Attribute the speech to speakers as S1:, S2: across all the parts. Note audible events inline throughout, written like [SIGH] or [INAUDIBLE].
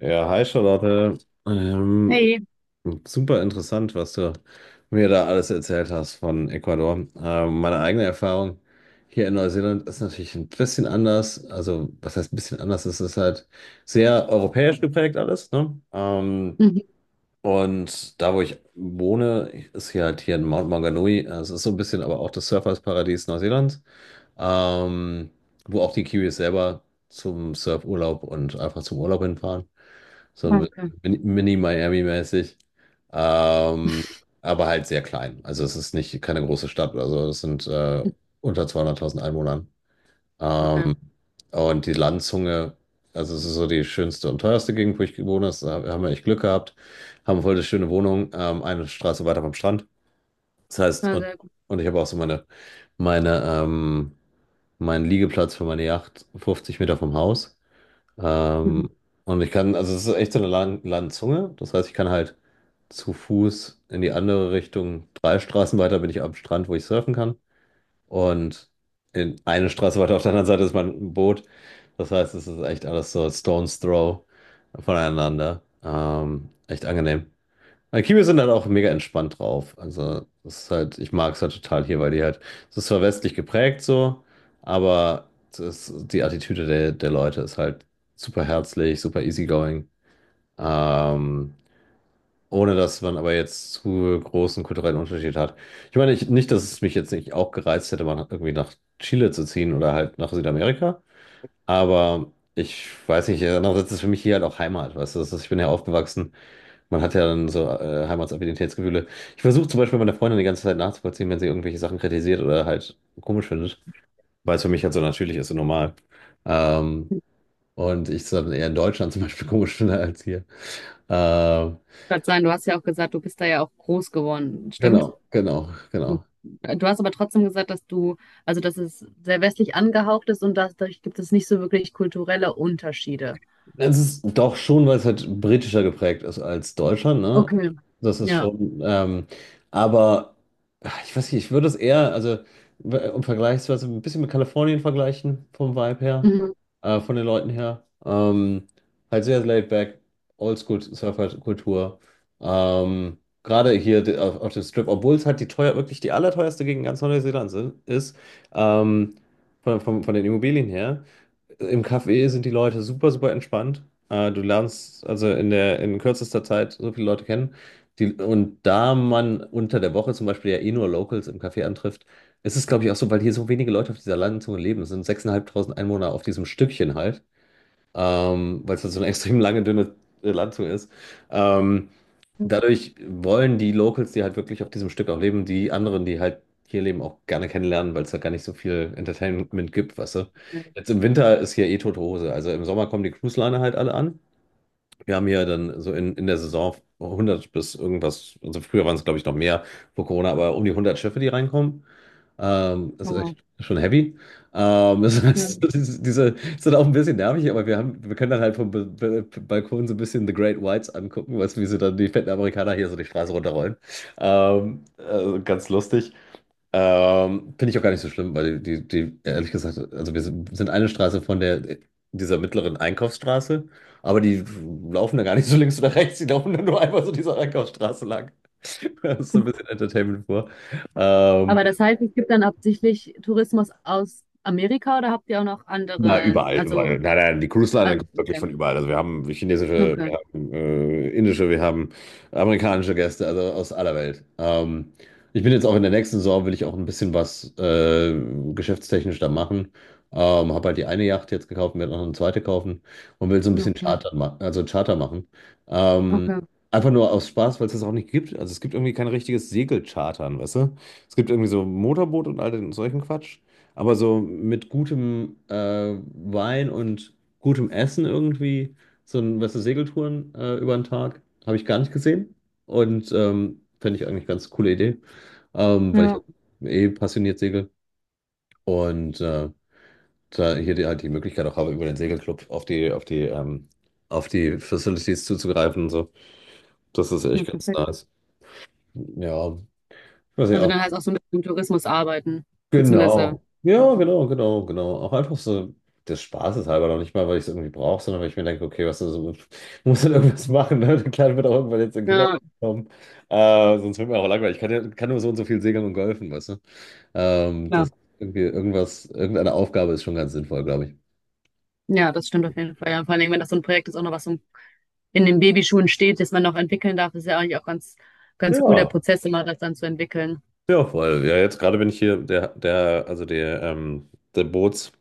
S1: Ja, hi Charlotte. Ähm,
S2: Hey.
S1: Super interessant, was du mir da alles erzählt hast von Ecuador. Meine eigene Erfahrung hier in Neuseeland ist natürlich ein bisschen anders. Also, was heißt ein bisschen anders? Es ist halt sehr europäisch geprägt alles, ne?
S2: Mhm.
S1: Und da, wo ich wohne, ist hier halt hier in Mount Maunganui. Es ist so ein bisschen aber auch das Surfersparadies Neuseelands, ähm, wo auch die Kiwis selber zum Surfurlaub und einfach zum Urlaub hinfahren. So ein
S2: Okay,
S1: bisschen Mini-Miami-mäßig. Ähm, aber halt sehr klein. Also es ist nicht keine große Stadt oder so. Es sind unter 200.000 Einwohnern.
S2: okay.
S1: Ähm, und die Landzunge, also es ist so die schönste und teuerste Gegend, wo ich gewohnt habe. Da haben wir echt Glück gehabt. Haben voll eine schöne Wohnung, eine Straße weiter vom Strand. Das heißt,
S2: Ja, sehr gut.
S1: und ich habe auch so meine, ähm, meinen Liegeplatz für meine Yacht 50 Meter vom Haus. Ähm,
S2: Mhm.
S1: und ich kann, also es ist echt so eine Landzunge. Das heißt, ich kann halt zu Fuß in die andere Richtung, drei Straßen weiter bin ich am Strand, wo ich surfen kann. Und in eine Straße weiter auf der anderen Seite ist mein Boot. Das heißt, es ist echt alles so Stone's Throw voneinander. Echt angenehm. Aber Kiwis sind dann auch mega entspannt drauf. Also, das ist halt, ich mag es halt total hier, weil die halt, es ist zwar westlich geprägt so, aber das, die Attitüde der Leute ist halt super herzlich, super easygoing. Ähm, Ohne dass man aber jetzt zu großen kulturellen Unterschied hat. Ich meine, ich, nicht, dass es mich jetzt nicht auch gereizt hätte, mal irgendwie nach Chile zu ziehen oder halt nach Südamerika, aber ich weiß nicht, andererseits ist es für mich hier halt auch Heimat, weißt du, das ist, ich bin ja aufgewachsen. Man hat ja dann so Heimatsaffinititätsgefühle. Ich versuche zum Beispiel meiner Freundin die ganze Zeit nachzuvollziehen, wenn sie irgendwelche Sachen kritisiert oder halt komisch findet, weil es für mich halt so natürlich ist und normal. Ähm,
S2: Ich
S1: und ich es dann eher in Deutschland zum Beispiel [LAUGHS] komisch finde als hier. Ähm,
S2: wollte sagen, du hast ja auch gesagt, du bist da ja auch groß geworden,
S1: genau,
S2: stimmt?
S1: genau, genau.
S2: Mhm. Du hast aber trotzdem gesagt, dass du, also dass es sehr westlich angehaucht ist und dass, dadurch gibt es nicht so wirklich kulturelle Unterschiede.
S1: Es ist doch schon, weil es halt britischer geprägt ist als Deutschland, ne?
S2: Okay,
S1: Das ist
S2: ja.
S1: schon, aber ach, ich weiß nicht, ich würde es eher, also um vergleichsweise ein bisschen mit Kalifornien vergleichen, vom Vibe her,
S2: Mhm.
S1: von den Leuten her. Halt sehr laid back, Oldschool-Surfer-Kultur. Gerade hier auf dem Strip, obwohl es halt die teuer, wirklich die allerteuerste Gegend ganz Neuseelands ist, ähm, von den Immobilien her. Im Café sind die Leute super, super entspannt. Du lernst also in der, in kürzester Zeit so viele Leute kennen. Die, und da man unter der Woche zum Beispiel ja eh nur Locals im Café antrifft, ist es, glaube ich, auch so, weil hier so wenige Leute auf dieser langen Zunge leben. Es sind 6.500 Einwohner auf diesem Stückchen halt, weil es halt so eine [LAUGHS] extrem lange, dünne Landzunge ist. Ähm, Dadurch wollen die Locals, die halt wirklich auf diesem Stück auch leben, die anderen, die halt hier leben, auch gerne kennenlernen, weil es da gar nicht so viel Entertainment gibt, weißt du.
S2: Okay.
S1: Jetzt im Winter ist hier eh tote Hose. Also im Sommer kommen die Cruise-Liner halt alle an. Wir haben hier dann so in der Saison 100 bis irgendwas, also früher waren es glaube ich noch mehr vor Corona, aber um die 100 Schiffe, die reinkommen. Das
S2: Oh,
S1: ist echt
S2: wow.
S1: schon heavy. Das
S2: Ja.
S1: heißt, [LAUGHS] das diese ist dann auch ein bisschen nervig, aber wir haben, wir können dann halt vom Balkon so ein bisschen The Great Whites angucken, was, wie sie dann die fetten Amerikaner hier so die Straße runterrollen. Also ganz lustig. Finde ich auch gar nicht so schlimm, weil die ehrlich gesagt, also wir sind eine Straße von der, dieser mittleren Einkaufsstraße, aber die laufen da gar nicht so links oder rechts, die laufen dann nur einfach so dieser Einkaufsstraße lang. [LAUGHS] Das ist so ein bisschen Entertainment vor. Ähm,
S2: Aber das heißt, es gibt dann absichtlich Tourismus aus Amerika oder habt ihr auch noch
S1: Na,
S2: andere,
S1: überall, überall. Nein, nein, die Cruise Line
S2: also
S1: kommt wirklich von überall. Also wir haben chinesische,
S2: okay,
S1: wir
S2: okay,
S1: haben indische, wir haben amerikanische Gäste, also aus aller Welt. Ich bin jetzt auch in der nächsten Saison, will ich auch ein bisschen was geschäftstechnisch da machen. Habe halt die eine Yacht jetzt gekauft, werde noch eine zweite kaufen und will so ein bisschen
S2: okay,
S1: Charter, ma also Charter machen. Ähm,
S2: okay,
S1: Einfach nur aus Spaß, weil es das auch nicht gibt. Also es gibt irgendwie kein richtiges Segelchartern, weißt du? Es gibt irgendwie so Motorboot und all den solchen Quatsch. Aber so mit gutem Wein und gutem Essen irgendwie, so ein, weißt du, Segeltouren über den Tag, habe ich gar nicht gesehen. Und fände ich eigentlich ganz coole Idee, weil ich
S2: ja,
S1: halt eh passioniert segel. Und da hier die, halt die Möglichkeit auch habe, über den Segelclub auf die, auf die Facilities zuzugreifen und so. Das ist
S2: ja,
S1: echt ganz
S2: perfekt.
S1: nice. Ja, ich weiß nicht,
S2: Also
S1: auch.
S2: dann heißt auch so mit dem Tourismus arbeiten, beziehungsweise,
S1: Genau. Ja,
S2: ja,
S1: genau, genau, genau. Auch einfach so des Spaßes halber, noch nicht mal, weil ich es irgendwie brauche, sondern weil ich mir denke, okay, was ist, [LAUGHS] muss dann irgendwas machen, ne? Der Kleine wird auch irgendwann jetzt in den
S2: ja,
S1: Kindergarten kommen. Sonst wird mir auch langweilig. Ich kann, ja, kann nur so und so viel segeln und golfen, weißt du?
S2: ja,
S1: Das irgendeine Aufgabe ist schon ganz sinnvoll, glaube ich.
S2: ja, das stimmt auf jeden Fall. Ja, vor allem, wenn das so ein Projekt ist, auch noch was so in den Babyschuhen steht, das man noch entwickeln darf, ist ja eigentlich auch ganz, ganz cool, der
S1: Ja,
S2: Prozess immer das dann zu entwickeln.
S1: ja, voll. Ja, jetzt gerade bin ich hier, der Bootsbauhafen,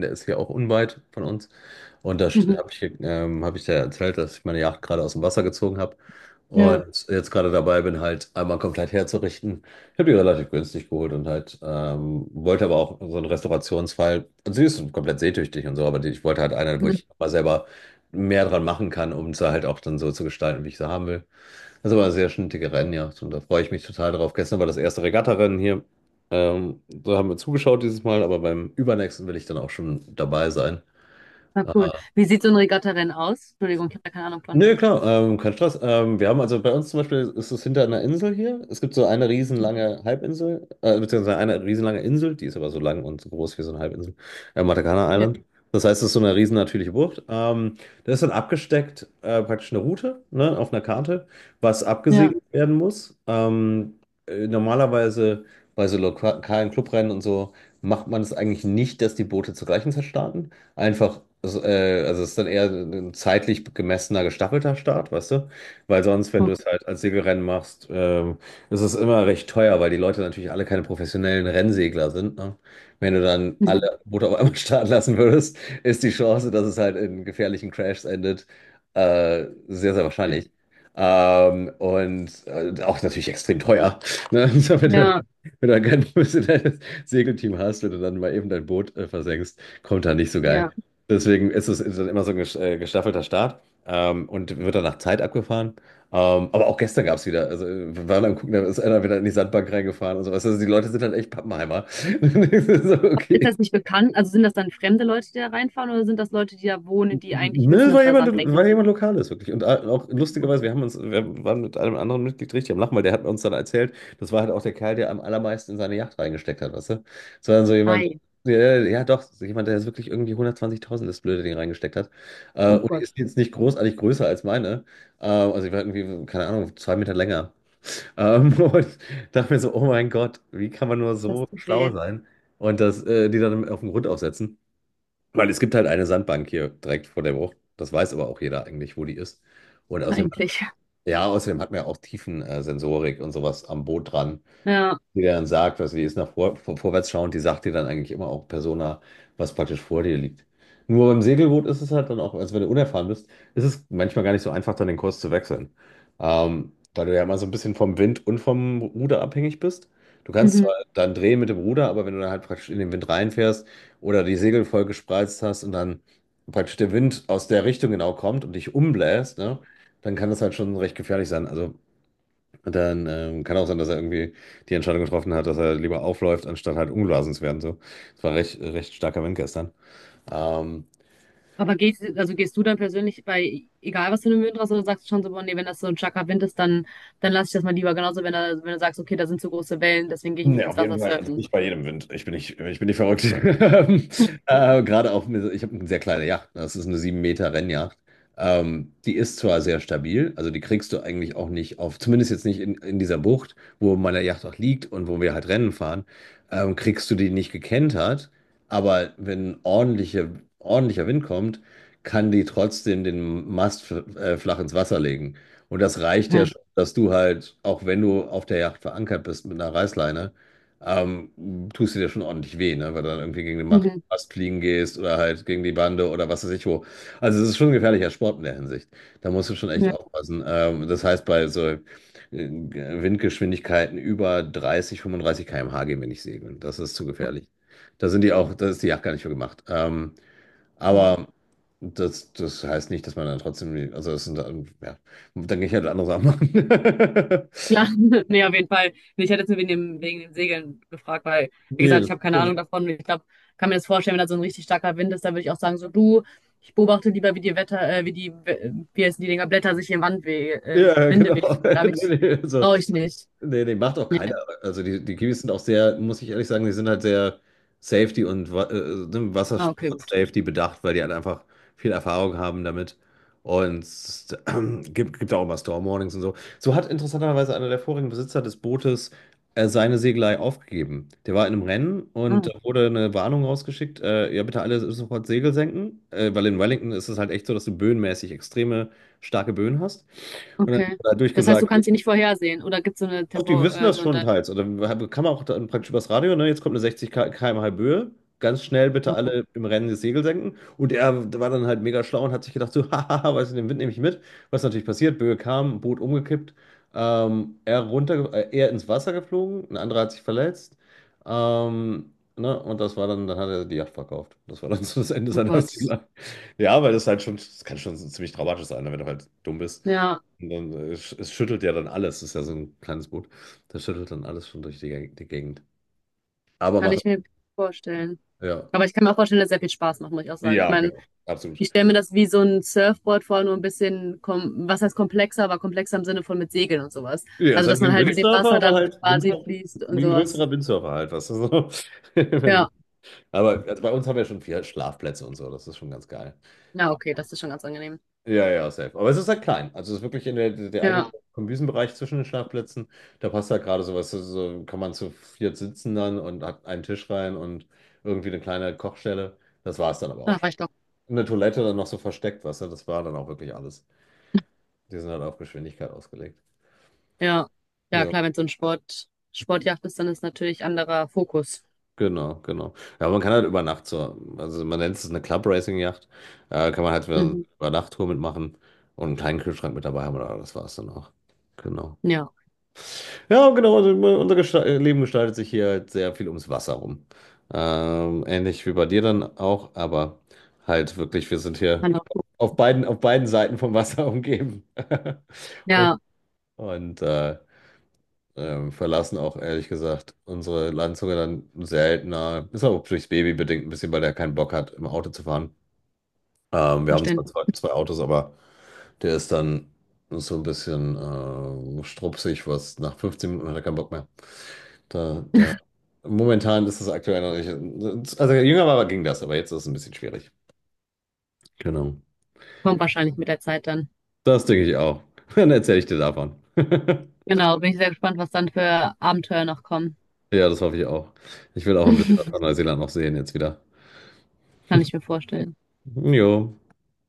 S1: der ist hier auch unweit von uns. Und da
S2: Mhm.
S1: habe ich, hab ich dir erzählt, dass ich meine Yacht gerade aus dem Wasser gezogen habe
S2: Ja,
S1: und jetzt gerade dabei bin, halt einmal komplett herzurichten. Ich habe die relativ günstig geholt und halt wollte aber auch so einen Restaurationsfall. Und sie ist komplett seetüchtig und so, aber die, ich wollte halt eine, wo
S2: mhm.
S1: ich mal selber mehr dran machen kann, um sie halt auch dann so zu gestalten, wie ich sie haben will. Das ist aber eine sehr schnittige Rennjacht und da freue ich mich total drauf. Gestern war das erste Regattarennen hier. Da haben wir zugeschaut dieses Mal, aber beim übernächsten will ich dann auch schon dabei sein.
S2: Ja,
S1: Äh,
S2: cool. Wie sieht so ein Regattarennen aus? Entschuldigung, ich habe da keine Ahnung von.
S1: Nö, klar, kein Stress. Wir haben also bei uns zum Beispiel ist es hinter einer Insel hier. Es gibt so eine riesenlange Halbinsel, beziehungsweise eine riesenlange Insel, die ist aber so lang und so groß wie so eine Halbinsel, Matakana
S2: Ja,
S1: Island. Das heißt, es ist so eine riesen natürliche Bucht. Da ist dann abgesteckt praktisch eine Route, ne, auf einer Karte, was
S2: ja,
S1: abgesegelt werden muss. Normalerweise bei so lokalen Clubrennen und so macht man es eigentlich nicht, dass die Boote zur gleichen Zeit starten einfach, also es ist dann eher ein zeitlich gemessener, gestaffelter Start, weißt du? Weil sonst, wenn du
S2: okay.
S1: es halt als Segelrennen machst, ist es immer recht teuer, weil die Leute natürlich alle keine professionellen Rennsegler sind, ne? Wenn du dann
S2: Mhm.
S1: alle Boote auf einmal [LAUGHS] starten lassen würdest, ist die Chance, dass es halt in gefährlichen Crashs endet, sehr, sehr
S2: Okay.
S1: wahrscheinlich. Auch natürlich extrem teuer, ne? [LAUGHS] So, wenn du,
S2: Ja,
S1: wenn du kein professionelles Segelteam hast, wenn du dann mal eben dein Boot versenkst, kommt da nicht so geil.
S2: ja.
S1: Deswegen ist es ist dann immer so ein gestaffelter Start und wird dann nach Zeit abgefahren. Aber auch gestern gab es wieder, also wir waren am Gucken, da ist einer wieder in die Sandbank reingefahren und sowas. Also die Leute sind halt echt Pappenheimer. [LAUGHS] So,
S2: Ist
S1: okay.
S2: das nicht bekannt? Also sind das dann fremde Leute, die da reinfahren, oder sind das Leute, die da wohnen, die eigentlich wissen,
S1: Ne,
S2: dass da Sandbänke
S1: war jemand Lokales, wirklich. Und auch
S2: sind?
S1: lustigerweise, wir waren mit einem anderen Mitglied richtig am Lachen, weil der hat uns dann erzählt, das war halt auch der Kerl, der am allermeisten in seine Yacht reingesteckt hat, weißt du? Das war dann so jemand,
S2: Ei,
S1: ja, ja doch, so jemand, der jetzt wirklich irgendwie 120.000 das blöde Ding reingesteckt hat.
S2: oh
S1: Und die
S2: Gott,
S1: ist jetzt nicht großartig größer als meine. Also ich war irgendwie, keine Ahnung, 2 Meter länger. [LAUGHS] Und dachte mir so, oh mein Gott, wie kann man nur
S2: das
S1: so
S2: tut
S1: schlau
S2: weh,
S1: sein und das, die dann auf den Grund aufsetzen? Weil es gibt halt eine Sandbank hier direkt vor der Bucht. Das weiß aber auch jeder eigentlich, wo die ist. Und außerdem,
S2: eigentlich.
S1: ja, außerdem hat man ja auch Tiefensensorik und sowas am Boot dran,
S2: Ja,
S1: die dann sagt, was die ist nach vorwärts schauend, die sagt dir dann eigentlich immer auch Persona, was praktisch vor dir liegt. Nur beim Segelboot ist es halt dann auch, also wenn du unerfahren bist, ist es manchmal gar nicht so einfach, dann den Kurs zu wechseln. Weil du ja immer so ein bisschen vom Wind und vom Ruder abhängig bist. Du kannst
S2: mhm.
S1: zwar dann drehen mit dem Ruder, aber wenn du dann halt praktisch in den Wind reinfährst oder die Segel voll gespreizt hast und dann praktisch der Wind aus der Richtung genau kommt und dich umbläst, ne, dann kann das halt schon recht gefährlich sein. Also und dann kann auch sein, dass er irgendwie die Entscheidung getroffen hat, dass er lieber aufläuft, anstatt halt umgeblasen zu werden. So. Es war recht starker Wind gestern. Ähm,
S2: Aber gehst, also gehst du dann persönlich bei, egal was für einen Wind Möhrenrasse, oder sagst du schon so, boah, nee, wenn das so ein starker Wind ist, dann, dann lass ich das mal lieber. Genauso, wenn, da, wenn du sagst, okay, da sind zu große Wellen, deswegen gehe ich nicht
S1: ja,
S2: ins
S1: auf
S2: Wasser
S1: jeden Fall. Also
S2: surfen.
S1: nicht bei jedem Wind. Ich bin nicht verrückt. [LAUGHS] Gerade auch, ich habe eine sehr kleine Yacht, ne? Das ist eine 7 Meter Rennjacht. Die ist zwar sehr stabil, also die kriegst du eigentlich auch nicht auf, zumindest jetzt nicht in dieser Bucht, wo meine Yacht auch liegt und wo wir halt Rennen fahren, kriegst du die nicht gekentert. Aber wenn ordentlicher Wind kommt, kann die trotzdem den Mast flach ins Wasser legen. Und das reicht ja
S2: Ja.
S1: schon, dass du halt, auch wenn du auf der Yacht verankert bist mit einer Reißleine, tust du dir ja schon ordentlich weh, ne? Weil du dann irgendwie gegen die Macht
S2: Mhm.
S1: fast fliegen gehst oder halt gegen die Bande oder was weiß ich wo. Also es ist schon ein gefährlicher Sport in der Hinsicht. Da musst du schon echt
S2: Ja.
S1: aufpassen. Das heißt, bei so Windgeschwindigkeiten über 30, 35 km/h gehen wir nicht segeln. Das ist zu gefährlich. Da sind die auch, da ist die Yacht gar nicht für gemacht. Aber das, das heißt nicht, dass man dann trotzdem, die- also es sind, dann- ja, dann gehe ich halt andere Sachen machen.
S2: Klar,
S1: [LAUGHS]
S2: [LAUGHS] nee, auf jeden Fall. Nee, ich hätte jetzt nur wegen dem Segeln gefragt, weil, wie
S1: Nee,
S2: gesagt,
S1: das
S2: ich
S1: ist
S2: habe keine
S1: schon
S2: Ahnung davon. Ich glaube, kann mir das vorstellen, wenn da so ein richtig starker Wind ist, dann würde ich auch sagen, so du, ich beobachte lieber, wie die Wetter, wie die, wie heißen die Dinger, Blätter sich im Wand we
S1: ja,
S2: Winde weh.
S1: genau. [LAUGHS]
S2: Da ich,
S1: Nee, nee, so.
S2: brauche ich nicht.
S1: Nee, nee, macht auch keiner.
S2: Nee.
S1: Also die, die Kiwis sind auch sehr, muss ich ehrlich sagen, die sind halt sehr Safety und ne,
S2: Ah, okay.
S1: Wassersport-Safety bedacht, weil die halt einfach viel Erfahrung haben damit. Und es [CLEARS THROAT] gibt auch immer Storm-Warnings und so. So hat interessanterweise einer der vorigen Besitzer des Bootes seine Segelei aufgegeben. Der war in einem Rennen
S2: Ah,
S1: und da wurde eine Warnung rausgeschickt, ja bitte alle sofort Segel senken, weil in Wellington ist es halt echt so, dass du böenmäßig extreme starke Böen hast. Und dann
S2: okay.
S1: hat er
S2: Das heißt, du
S1: durchgesagt,
S2: kannst sie nicht vorhersehen oder gibt es so eine
S1: doch, die
S2: Tempo,
S1: wissen das
S2: so
S1: schon
S2: eine,
S1: teils. Oder kann man auch dann praktisch übers Radio, ne? Jetzt kommt eine 60 km/h Böe. Ganz schnell bitte
S2: oh Gott,
S1: alle im Rennen das Segel senken. Und er war dann halt mega schlau und hat sich gedacht, so, [LAUGHS] hahaha, weißt du, den Wind nehme ich mit. Was natürlich passiert, Böe kam, Boot umgekippt, er runter, er ins Wasser geflogen, ein anderer hat sich verletzt. Ne? Und das war dann, dann hat er die Yacht verkauft. Das war dann [LAUGHS] so das Ende
S2: oh
S1: seiner
S2: Gott.
S1: Segelei. Ja, weil das halt schon, das kann schon ziemlich dramatisch sein, ne, wenn du halt dumm bist.
S2: Ja,
S1: Und dann, es schüttelt ja dann alles. Das ist ja so ein kleines Boot. Das schüttelt dann alles schon durch die Gegend. Aber
S2: kann
S1: macht,
S2: ich mir vorstellen.
S1: ja.
S2: Aber ich kann mir auch vorstellen, dass es sehr viel Spaß macht, muss ich auch sagen. Ich
S1: Ja,
S2: meine,
S1: genau. Absolut.
S2: ich stelle mir das wie so ein Surfboard vor, nur ein bisschen, kom was heißt komplexer, aber komplexer im Sinne von mit Segeln und sowas.
S1: Ja, es
S2: Also,
S1: hat
S2: dass
S1: wie
S2: man
S1: ein
S2: halt mit dem
S1: Windsurfer,
S2: Wasser
S1: aber
S2: dann
S1: halt
S2: quasi
S1: Windsurfer,
S2: fließt und
S1: wie ein
S2: sowas.
S1: größerer Windsurfer halt, was so. [LAUGHS] Wenn-
S2: Ja,
S1: aber also bei uns haben wir schon vier Schlafplätze und so. Das ist schon ganz geil.
S2: na okay, das ist schon ganz angenehm.
S1: Ja, ja, safe. Aber es ist halt klein. Also es ist wirklich in der eigentliche
S2: Ja,
S1: Kombüsenbereich zwischen den Schlafplätzen. Da passt halt gerade sowas. So kann man zu viert sitzen dann und hat einen Tisch rein und irgendwie eine kleine Kochstelle. Das war es dann aber
S2: da
S1: auch schon.
S2: reicht doch.
S1: In der Toilette dann noch so versteckt, weißt du, das war dann auch wirklich alles. Die sind halt auf Geschwindigkeit ausgelegt.
S2: Ja, ja
S1: Ja,
S2: klar, wenn es so ein Sport, Sportjacht ist, dann ist natürlich anderer Fokus.
S1: genau. Ja, man kann halt über Nacht so, also man nennt es eine club racing Yacht, kann man halt
S2: Mhm.
S1: über Nachttour mitmachen und einen kleinen Kühlschrank mit dabei haben, oder das war's dann auch. Genau.
S2: Ja,
S1: Ja, genau, also unser Gesta Leben gestaltet sich hier halt sehr viel ums Wasser rum. Ähnlich wie bei dir dann auch, aber halt wirklich, wir sind hier
S2: anderer Fokus.
S1: auf auf beiden Seiten vom Wasser [LAUGHS] umgeben. [LAUGHS] Und,
S2: Ja.
S1: und äh, verlassen auch ehrlich gesagt unsere Landzunge dann seltener. Ist auch durchs Baby bedingt ein bisschen, weil der keinen Bock hat, im Auto zu fahren. Wir haben zwar
S2: Verständlich.
S1: zwei Autos, aber der ist dann so ein bisschen strupsig, was nach 15 Minuten hat er keinen Bock mehr. Da, da, momentan ist das aktuell noch nicht. Also jünger war, ging das, aber jetzt ist es ein bisschen schwierig. Genau.
S2: Kommt wahrscheinlich mit der Zeit dann.
S1: Das denke ich auch. [LAUGHS] Dann erzähle ich dir davon. [LAUGHS]
S2: Genau, bin ich sehr gespannt, was dann für Abenteuer noch kommen.
S1: Ja, das hoffe ich auch. Ich will auch ein bisschen was
S2: [LAUGHS]
S1: von Neuseeland noch sehen jetzt wieder.
S2: Kann ich mir vorstellen.
S1: Jo.